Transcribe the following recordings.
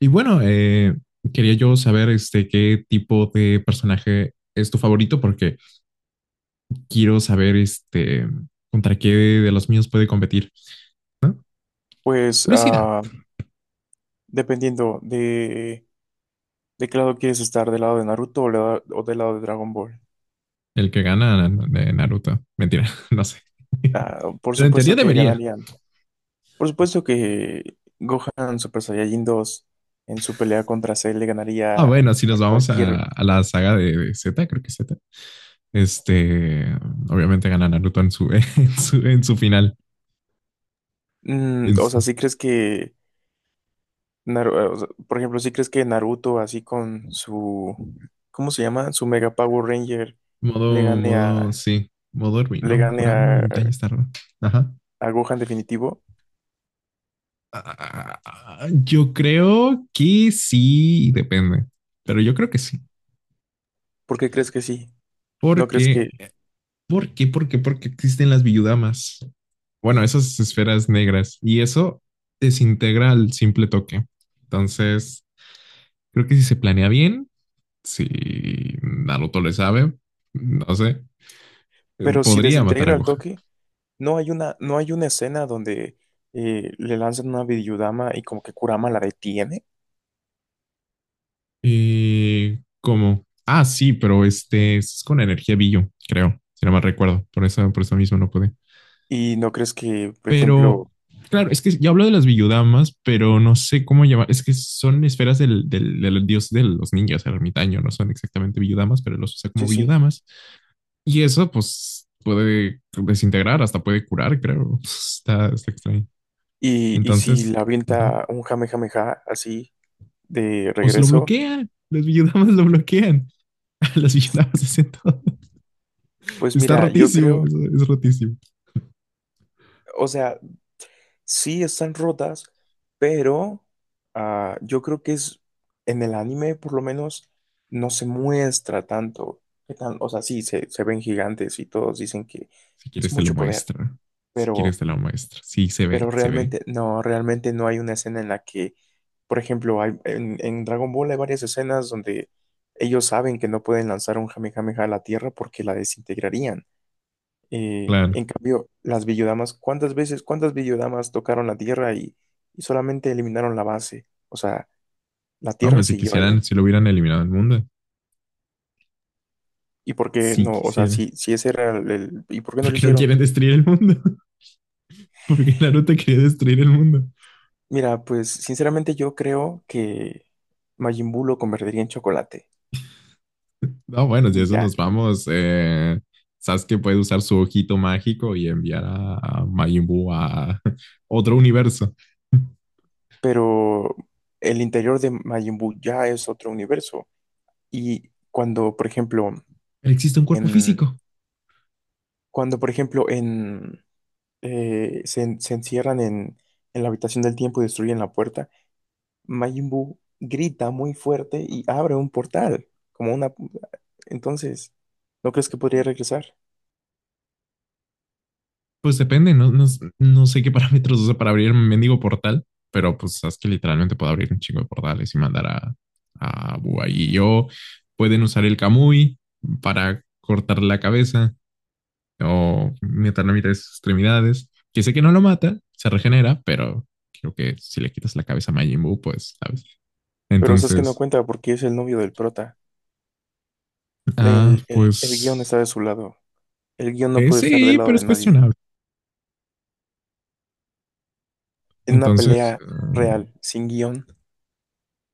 Y bueno, quería yo saber qué tipo de personaje es tu favorito, porque quiero saber contra qué de los míos puede competir. Pues Curiosidad. Dependiendo de qué lado quieres estar, del lado de Naruto o o del lado de Dragon Ball. El que gana de Naruto. Mentira, no sé. Ah, por Pero en teoría supuesto que debería. ganarían. Por supuesto que Gohan Super Saiyajin 2 en su pelea contra Cell le Ah, ganaría bueno, si a nos vamos cualquier... a la saga de Z, creo que es Z. Este, obviamente gana Naruto en su, en su final. Mm, En o sea, su- si crees que... O sea, por ejemplo, si crees que Naruto así con su... ¿Cómo se llama? Su Mega Power Ranger le modo, gane modo, a... sí. Modo Ruin, Le ¿no? gane Kurama, el daño está raro. Ajá. a Gohan definitivo. Ah, yo creo que sí, depende, pero yo creo que sí. ¿Por qué crees que sí? ¿No crees que... Porque, porque existen las viudamas. Bueno, esas esferas negras y eso desintegra al simple toque. Entonces, creo que si se planea bien, si Naruto le sabe, no sé, Pero si podría matar a desintegra el Gohan. toque, no hay una escena donde le lanzan una Bidiyudama y como que Kurama la detiene. Y ¿cómo? Ah, sí, pero este es con energía Billo, creo, si no mal recuerdo. Por eso mismo no pude. Y no crees que, por ejemplo, Pero, claro, es que yo hablo de las villudamas, pero no sé cómo llamar. Es que son esferas del dios de los ninjas, el ermitaño. No son exactamente villudamas, pero los usa como sí, sí. villudamas. Y eso, pues, puede desintegrar, hasta puede curar, creo. Está extraño. Y si Entonces, la ajá. avienta un Jamejameja así de Pues lo regreso, bloquean. Las villudamas lo bloquean. Las villudamas hacen todo. pues Está mira, yo rotísimo. creo, Es rotísimo. o sea, sí están rotas, pero yo creo que es en el anime, por lo menos, no se muestra tanto. O sea, sí, se ven gigantes y todos dicen que Si es quieres te lo mucho poder. muestra. Si quieres pero, te lo muestra. Sí, se pero ve, se ve. Realmente no hay una escena en la que, por ejemplo, en Dragon Ball hay varias escenas donde ellos saben que no pueden lanzar un Kamehameha a la Tierra porque la desintegrarían. Claro. En cambio, las Villodamas, ¿cuántas Villodamas tocaron la Tierra y solamente eliminaron la base? O sea, la No, Tierra hombre, si siguió ahí. quisieran, si lo hubieran eliminado el mundo. ¿Y por qué Si no? O sea, quisiera. Si ese era el ¿y por qué no lo Porque no hicieron? quieren destruir el mundo. Porque Naruto quería destruir el mundo. Mira, pues sinceramente yo creo que Majin Buu lo convertiría en chocolate. No, bueno, si Y eso ya, nos vamos. Sasuke puede usar su ojito mágico y enviar a Majin Buu a otro universo. pero el interior de Majin Buu ya es otro universo. Y cuando, por ejemplo, Existe un cuerpo en, físico. cuando, por ejemplo, se encierran en la habitación del tiempo y destruyen la puerta, Majin Buu grita muy fuerte y abre un portal, como una... Entonces, ¿no crees que podría regresar? Pues depende, no sé qué parámetros usa para abrir un mendigo portal, pero pues sabes que literalmente puedo abrir un chingo de portales y mandar a Bua y yo. Pueden usar el Kamui para cortar la cabeza o meter la mitad de sus extremidades. Que sé que no lo mata, se regenera, pero creo que si le quitas la cabeza a Majin Buu, pues, ¿sabes? Pero sabes que no Entonces, cuenta porque es el novio del prota. El guión pues está de su lado. El guión no puede estar del sí, lado pero de es nadie. cuestionable. En una Entonces, pelea real, sin guión,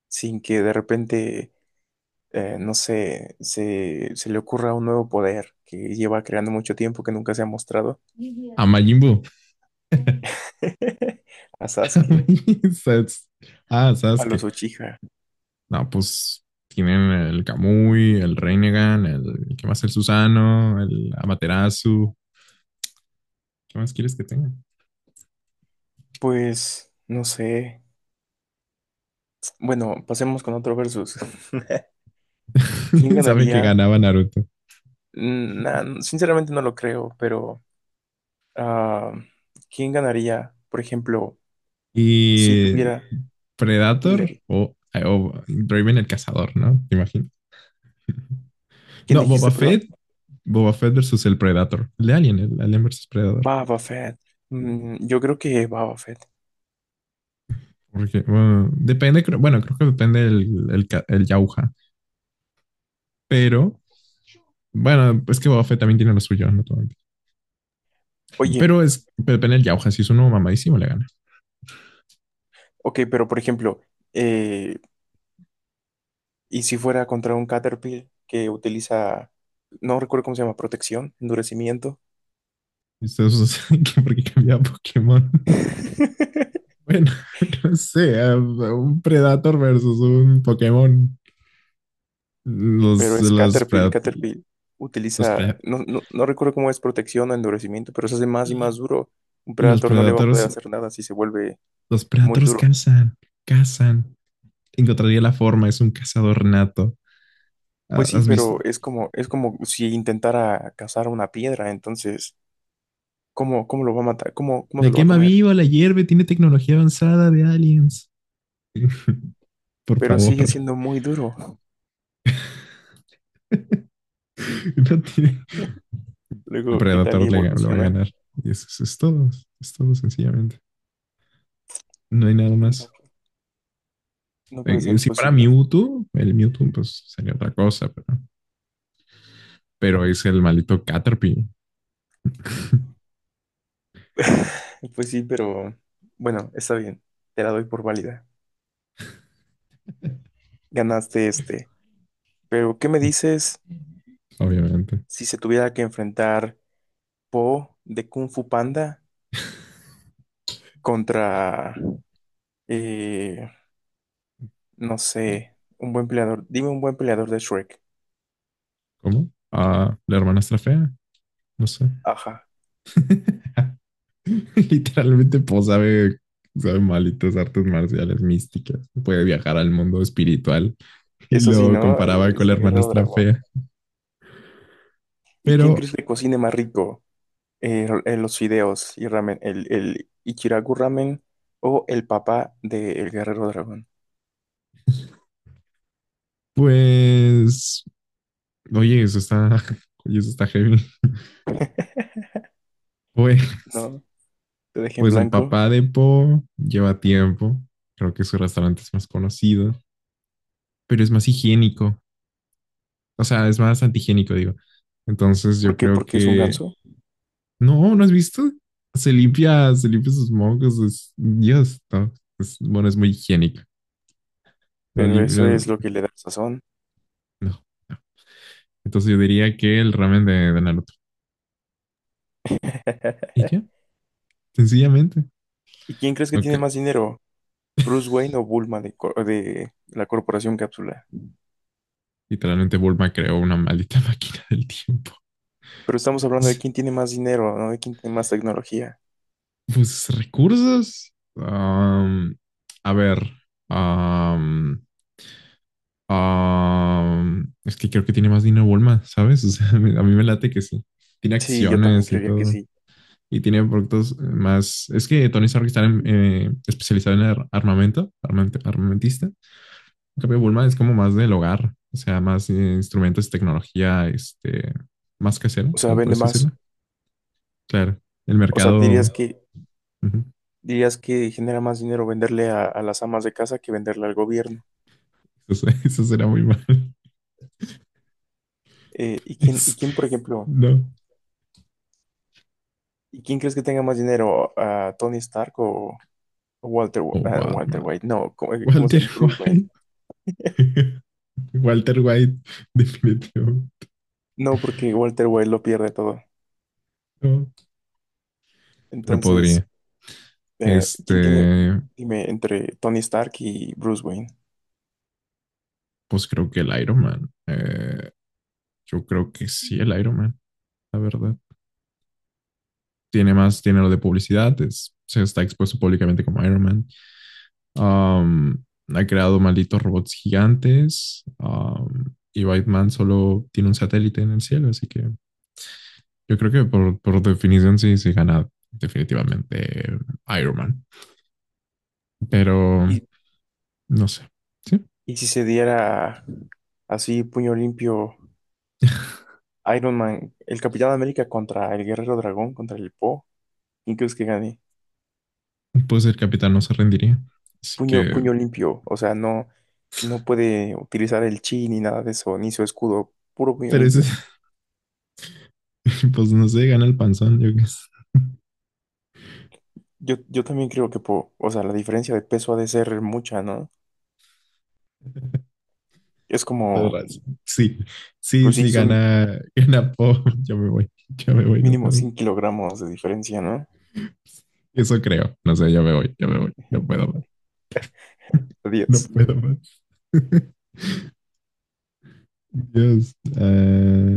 sin que de repente, no sé, se le ocurra un nuevo poder que lleva creando mucho tiempo que nunca se ha mostrado a Majin Buu. a Sasuke, Sas- Ah, a los Sasuke. Uchiha. No, pues tienen el Kamui, el Renegan, el... ¿Qué más? El Susano, el Amaterasu. ¿Qué más quieres que tenga? Pues, no sé. Bueno, pasemos con otro versus. ¿Quién Sabe que ganaría? ganaba Naruto. Sinceramente no lo creo, pero ah, ¿quién ganaría, por ejemplo, si Y tuviera... Predator Dime, o Draven el Cazador, ¿no? Te imagino. ¿quién No, Boba dijiste, Fett. perdón? Boba Fett versus el Predator. El de Alien, el Alien versus Predator. Baba Fett. Mm, yo creo que Baba Fett. Porque, bueno, depende, creo- bueno, creo que depende el ca- el Yauja. Pero, bueno, es que Boba Fett también tiene lo suyo, ¿no? Todo- Oye, Pero es Pepe en el Yauja, si es uno mamadísimo, le gana. ok, pero por ejemplo, eh, ¿y si fuera contra un Caterpillar que utiliza, no recuerdo cómo se llama, protección, endurecimiento? Ustedes saben que porque cambiaba Pokémon. Bueno, no sé, un Predator versus un Pokémon. Pero Los, es los, Caterpillar, pred, Caterpillar. los, Utiliza, pred, no recuerdo cómo es protección o endurecimiento, pero se hace más y más duro. Un los Predator no le va a poder Predators, hacer nada si se vuelve los muy Predators duro. cazan, cazan. Encontraría la forma, es un cazador nato. Pues sí, ¿Has pero visto? Es como si intentara cazar una piedra, entonces, ¿cómo, cómo lo va a matar? ¿Cómo, cómo se La lo va a quema comer? viva, la hierve, tiene tecnología avanzada de aliens. Por Pero favor, sigue siendo muy duro. no tiene el Luego, ¿qué tal y Predator le va a evoluciona? ganar. Y eso es todo sencillamente. No hay nada más. No, no puede ser Si fuera posible. Mewtwo, el Mewtwo pues sería otra cosa, pero es el maldito Caterpie. Pues sí, pero bueno, está bien. Te la doy por válida. Ganaste este. Pero, ¿qué me dices Obviamente. si se tuviera que enfrentar Po de Kung Fu Panda contra, eh, no sé, un buen peleador? Dime un buen peleador de Shrek. ¿Cómo? Ah, la hermanastra fea, no sé. Ajá. Literalmente, pues sabe, sabe malitas artes marciales místicas. Puede viajar al mundo espiritual y Eso sí, lo ¿no? comparaba con Es la el guerrero hermanastra dragón. fea. ¿Y quién Pero, crees que cocine más rico? Los fideos y ramen. ¿El Ichiraku ramen o el papá del guerrero dragón? pues, oye, eso está, oye, eso está heavy. Pues, No, te dejé en pues el blanco. papá de Po lleva tiempo. Creo que su restaurante es más conocido, pero es más higiénico. O sea, es más antihigiénico, digo. Entonces yo ¿Por qué? creo Porque es un que... ganso. No, ¿no has visto? Se limpia sus mocos. Es- Dios, no. Es- bueno, es muy higiénico. No, Pero lim- eso no, es lo que le da sazón. no. Entonces yo diría que el ramen de Naruto. ¿Y ya? Sencillamente. ¿Y quién crees que Ok. tiene más dinero? ¿Bruce Wayne o Bulma de la Corporación Cápsula? Literalmente Bulma creó una maldita máquina del tiempo. Pero estamos hablando de Sí. quién tiene más dinero, ¿no? De quién tiene más tecnología. Pues recursos. A ver. am, es que creo que tiene más dinero Bulma, ¿sabes? O sea, a mí me late que sí. Tiene Sí, yo también acciones y creería que todo. sí. Y tiene productos más. Es que Tony Stark está en- especializado en ar- armamento, armament- armamentista. En cambio, Bulma es como más del hogar. O sea, más instrumentos, tecnología, más casera, O sea, ¿se vende puede decirlo? más. Claro. El O sea, mercado. Ujú. dirías que genera más dinero venderle a las amas de casa que venderle al gobierno. Eso, se- eso será muy mal. ¿Y Es- quién, por ejemplo, no. ¿y quién crees que tenga más dinero? ¿A Tony Stark o? O Walter Batman. White, no, ¿cómo se Walter llama? Bruce Wayne. White. Walter White, definitivo. No, porque Walter White lo pierde todo. No. Pero Entonces, podría. eh, ¿quién tiene, Este, dime, ¿entre Tony Stark y Bruce Wayne? pues creo que el Iron Man. Yo creo que sí, el Iron Man, la verdad. Tiene más dinero de publicidad, es- se está expuesto públicamente como Iron Man. Am, ha creado malditos robots gigantes. Y Batman solo tiene un satélite en el cielo, así que yo creo que por definición sí, sí gana definitivamente Iron Man. Pero Y, no sé. Sí, y si se diera así, puño limpio. Iron Man, el Capitán América contra el Guerrero Dragón, contra el Po. ¿Quién crees que gane? pues el capitán no se rendiría. Así Puño, que, puño limpio. O sea, no, no puede utilizar el chi ni nada de eso, ni su escudo. Puro puño pero ese- limpio. pues no sé, gana el panzón. Yo qué sé. Yo también creo que Po. O sea, la diferencia de peso ha de ser mucha, ¿no? Es Todo como, raro. Sí, sí, pues sí, sí, son gana, gana Poe. Yo me voy, no mínimo puedo. 100 kilogramos de diferencia, ¿no? Eso creo. No sé, yo me voy, yo me voy. No puedo más, no Adiós. puedo más. Dios. Ah,